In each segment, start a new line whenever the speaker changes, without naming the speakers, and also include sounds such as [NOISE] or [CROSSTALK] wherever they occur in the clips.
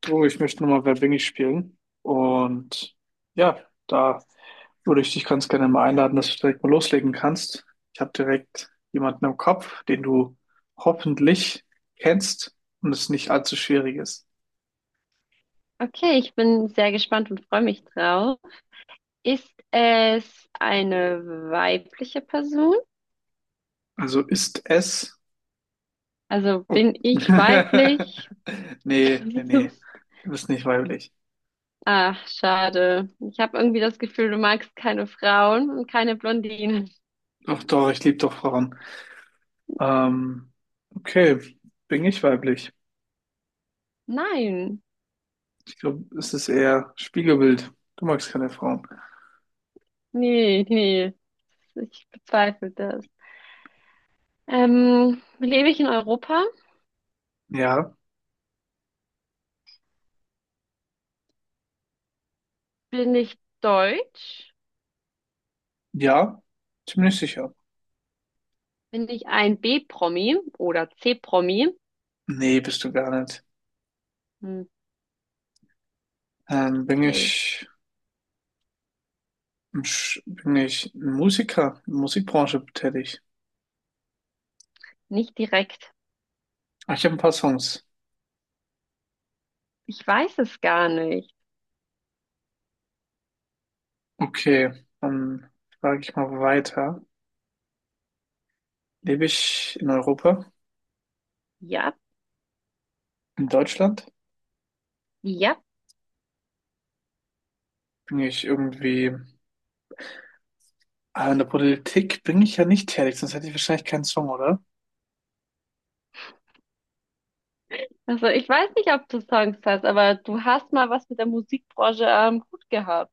Du, ich möchte nochmal Wer bin ich spielen. Und ja, da würde ich dich ganz gerne mal einladen, dass du direkt mal loslegen kannst. Ich habe direkt jemanden im Kopf, den du hoffentlich kennst und es nicht allzu schwierig ist.
Okay, ich bin sehr gespannt und freue mich drauf. Ist es eine weibliche Person?
Also ist es.
Also
Oh.
bin ich
[LAUGHS]
weiblich?
Nee, nee, nee.
[LAUGHS]
Du bist nicht weiblich.
Ach, schade. Ich habe irgendwie das Gefühl, du magst keine Frauen und keine Blondinen. [LAUGHS]
Doch, doch, ich liebe doch Frauen. Ähm, okay, bin ich weiblich?
Nein,
Ich glaube, es ist eher Spiegelbild. Du magst keine Frauen.
nee, nee, ich bezweifle das. Lebe ich in Europa?
Ja.
Bin ich deutsch?
Ja, ziemlich sicher.
Bin ich ein B-Promi oder C-Promi?
Nee, bist du gar nicht.
Hm,
Ähm, bin
okay,
ich, Bin ich ein Musiker, in der Musikbranche tätig?
nicht direkt.
Ah, ich habe ein paar Songs.
Ich weiß es gar nicht.
Okay, dann frage ich mal weiter. Lebe ich in Europa,
Ja,
in Deutschland?
ja.
Bin ich irgendwie, ah, in der Politik bin ich ja nicht tätig, sonst hätte ich wahrscheinlich keinen Song, oder?
Also ich weiß nicht, ob du Songs hast, aber du hast mal was mit der Musikbranche gut gehabt.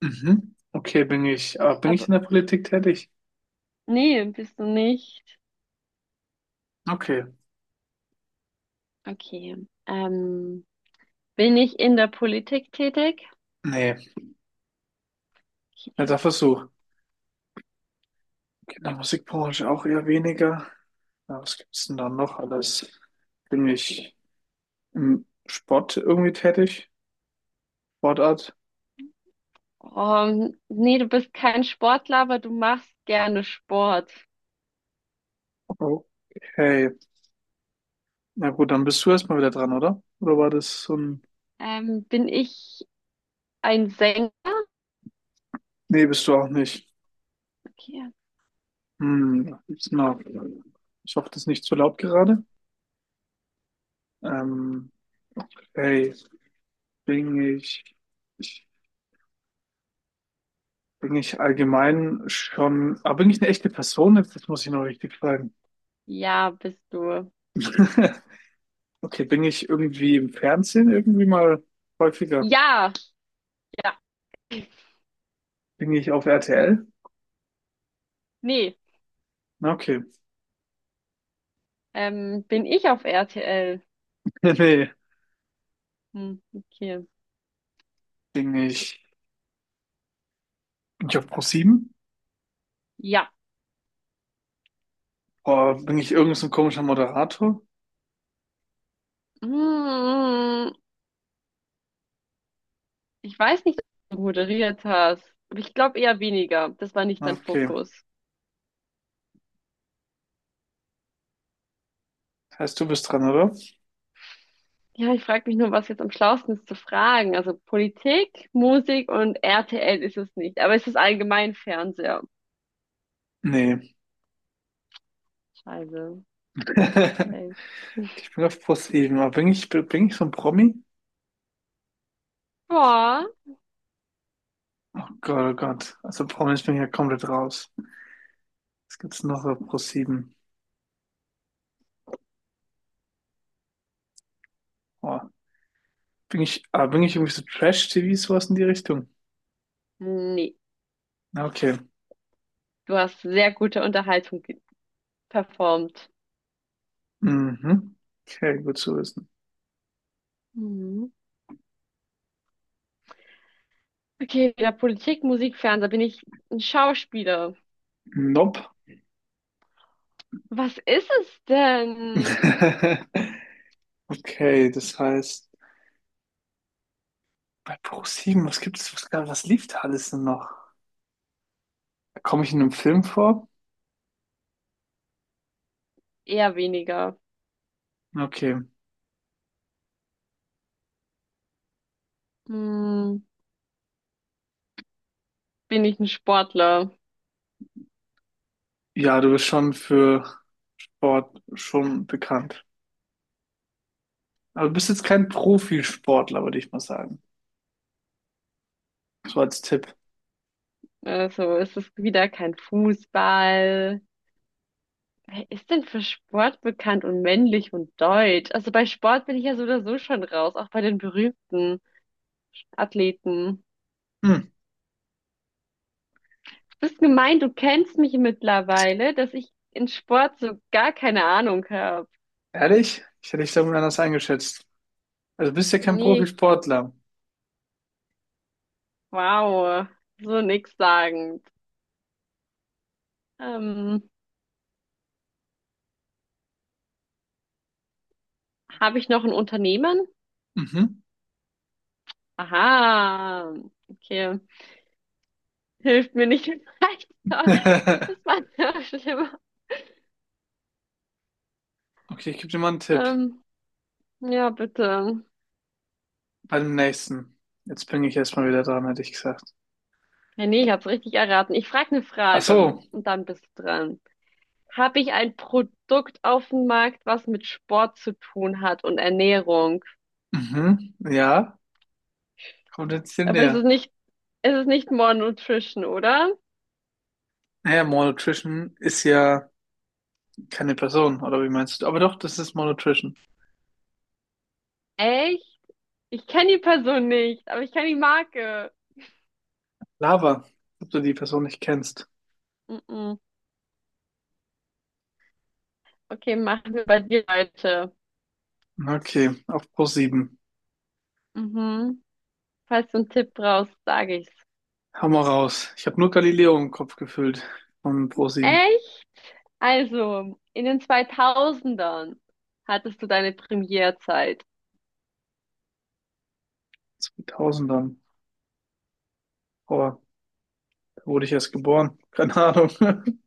Mhm. Okay, bin ich
Aber
in der Politik tätig?
nee, bist du nicht.
Okay,
Okay. Ähm, bin ich in der Politik tätig?
nee, netter
Okay.
Versuch. In der Musikbranche auch eher weniger. Ja, was gibt's denn da noch alles? Bin ich im Sport irgendwie tätig? Sportart?
Oh, nee, du bist kein Sportler, aber du machst gerne Sport.
Okay. Na gut, dann bist du erstmal wieder dran, oder? Oder war das so ein...
Bin ich ein Sänger?
Nee, bist du auch nicht.
Okay.
Hm, was gibt's denn noch? Ich hoffe, das ist nicht zu laut gerade. Ähm, hey, bin ich, ich... Bin ich allgemein schon... Aber bin ich eine echte Person? Jetzt, das muss ich noch richtig fragen.
Ja, bist du.
[LAUGHS] Okay, bin ich irgendwie im Fernsehen irgendwie mal häufiger?
Ja, ja.
Bin ich auf RTL?
Nee.
Na, okay. [LAUGHS]
Bin ich auf RTL?
Nee, nee.
Hm, okay.
Bin ich, bin ich auf ProSieben? Sieben?
Ja.
Oder bin ich irgend so ein komischer Moderator?
Mm, ich weiß nicht, ob du moderiert hast, aber ich glaube eher weniger. Das war nicht
Na,
dein
okay.
Fokus.
Heißt, du bist dran, oder?
Ja, ich frage mich nur, was jetzt am schlausten ist zu fragen. Also Politik, Musik und RTL ist es nicht, aber es ist allgemein Fernseher.
Nee.
Scheiße.
[LAUGHS]
Okay.
Ich bin auf ProSieben. Sieben. Aber bin ich so ein Promi?
Boah.
Oh Gott, oh Gott. Also Promis bin ich ja komplett raus. Was gibt's noch auf ProSieben? Oh. Bin ich irgendwie so Trash-TV, sowas in die Richtung?
Nee,
Na, okay.
du hast sehr gute Unterhaltung performt.
Mhm. Okay, gut zu wissen.
Mhm. Okay, ja, Politik, Musik, Fernseher, bin ich ein Schauspieler.
Nope.
Was ist es denn?
[LAUGHS] Okay, das heißt, bei ProSieben, was gibt's, was, gab- was lief da alles denn noch? Komme ich in einem Film vor?
Eher weniger.
Okay.
Hm, bin ich ein Sportler.
Ja, du bist schon für Sport schon bekannt. Aber du bist jetzt kein Profisportler, würde ich mal sagen. So als Tipp.
Also es ist wieder kein Fußball. Wer ist denn für Sport bekannt und männlich und deutsch? Also bei Sport bin ich ja so oder so schon raus, auch bei den berühmten Athleten.
Hm,
Du bist gemein, du kennst mich mittlerweile, dass ich in Sport so gar keine Ahnung habe.
ehrlich? Ich hätte dich da anders eingeschätzt. Also du bist ja kein
Nicht,
Profisportler.
wow, so nix sagend. Ähm, habe ich noch einen Unternehmen?
Mhm.
Aha, okay, hilft mir nicht weiter. Das
[LAUGHS]
war ja schlimmer.
Okay, ich gebe dir mal einen Tipp.
Ähm, ja, bitte.
Bei dem nächsten. Jetzt bin ich erstmal wieder dran, hätte ich gesagt.
Ja, nee, ich hab's richtig erraten. Ich frage eine
Ach
Frage
so.
und dann bist du dran. Habe ich ein Produkt auf dem Markt, was mit Sport zu tun hat und Ernährung?
Mhm. Ja, kommt jetzt hier
Aber
näher.
es ist nicht More Nutrition, oder?
Naja, Malnutrition ist ja keine Person, oder wie meinst du? Aber doch, das ist Malnutrition.
Echt? Ich kenne die Person nicht, aber ich kenne die Marke.
Lava, ob du die Person nicht kennst.
Mm-mm. Okay, machen wir bei dir, Leute.
Okay, auf ProSieben.
Mhm. Falls du einen Tipp brauchst, sage ich's.
Hau mal raus. Ich habe nur Galileo im Kopf gefüllt von ProSieben.
Echt? Also, in den 2000ern hattest du deine Premierzeit.
2000ern. Boah, da wurde ich erst geboren. Keine Ahnung. [LAUGHS]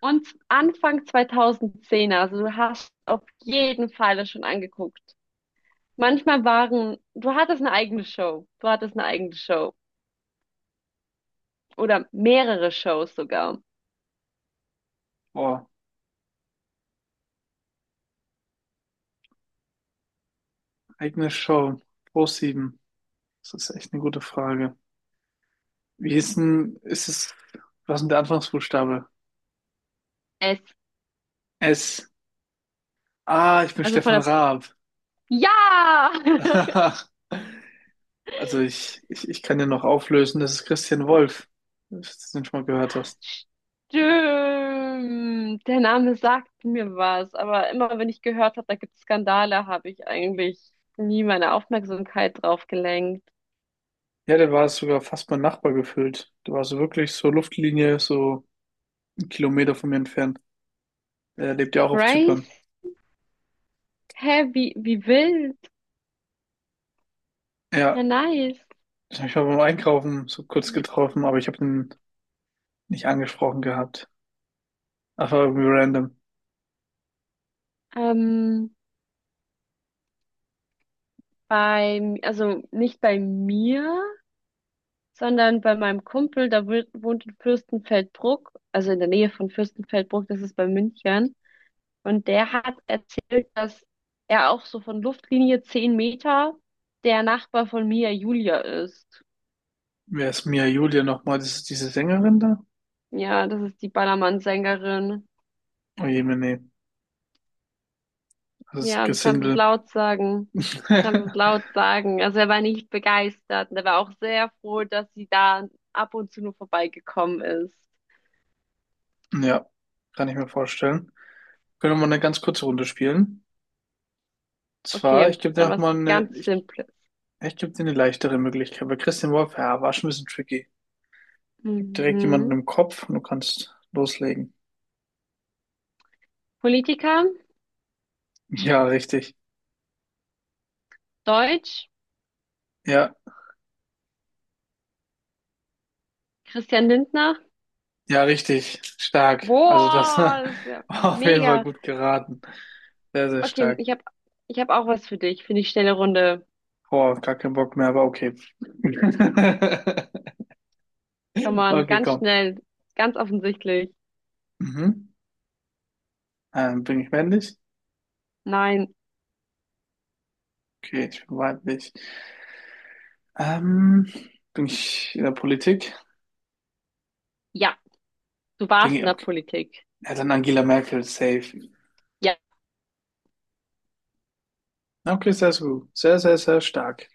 Und Anfang 2010er, also du hast auf jeden Fall das schon angeguckt. Manchmal waren, du hattest eine eigene Show. Du hattest eine eigene Show. Oder mehrere Shows sogar.
Boah, eigene Show. ProSieben. Das ist echt eine gute Frage. Wie ist denn, ist es, was ist denn der Anfangsbuchstabe?
Es,
S. Ah, ich bin
also von
Stefan
der,
Raab.
ja! [LAUGHS]
[LAUGHS] Also ich kann dir noch auflösen, das ist Christian Wolf, falls du das nicht schon mal gehört hast.
Stimmt, der Name sagt mir was, aber immer wenn ich gehört habe, da gibt es Skandale, habe ich eigentlich nie meine Aufmerksamkeit drauf gelenkt.
Ja, der war sogar fast mein Nachbar gefühlt. Der war so wirklich so Luftlinie, so einen Kilometer von mir entfernt. Er lebt ja auch auf
Crazy?
Zypern.
Hä, wie, wie wild? Ja,
Ja,
nice.
ich habe ich mal beim Einkaufen so kurz getroffen, aber ich habe ihn nicht angesprochen gehabt. Einfach irgendwie random.
Ähm, beim, also nicht bei mir, sondern bei meinem Kumpel, der wohnt in Fürstenfeldbruck, also in der Nähe von Fürstenfeldbruck, das ist bei München. Und der hat erzählt, dass er auch so von Luftlinie 10 Meter der Nachbar von Mia Julia ist.
Wer ist Mia Julia nochmal? Das ist diese Sängerin da?
Ja, das ist die Ballermann-Sängerin.
Oh je, nee, nee. Das ist
Ja, du kannst es
Gesindel.
laut sagen. Du kannst es
[LAUGHS]
laut sagen. Also er war nicht begeistert und er war auch sehr froh, dass sie da ab und zu nur vorbeigekommen ist.
Ja, kann ich mir vorstellen. Können wir mal eine ganz kurze Runde spielen? Zwar,
Okay, dann was ganz Simples.
ich gebe dir eine leichtere Möglichkeit, weil Christian Wolf, ja, war schon ein bisschen tricky. Ich habe direkt jemanden
Mhm.
im Kopf und du kannst loslegen.
Politiker,
Ja, richtig.
Deutsch,
Ja,
Christian Lindner.
ja, richtig. Stark. Also das [LAUGHS]
Boah,
war
das ist ja
auf jeden Fall
mega.
gut geraten. Sehr, sehr
Okay,
stark.
ich hab auch was für dich, für die schnelle Runde.
Boah, gar keinen Bock mehr, aber okay. [LAUGHS]
Komm on,
Okay,
ganz
komm.
schnell, ganz offensichtlich.
Mhm. Bin ich männlich?
Nein,
Okay, ich bin weiblich. Ähm, bin ich in der Politik?
ja, du
Bin
warst
ich,
in der
okay.
Politik.
Ja, dann Angela Merkel, safe.
Ja.
Okay, sehr, sehr gut. Sehr, sehr, sehr stark.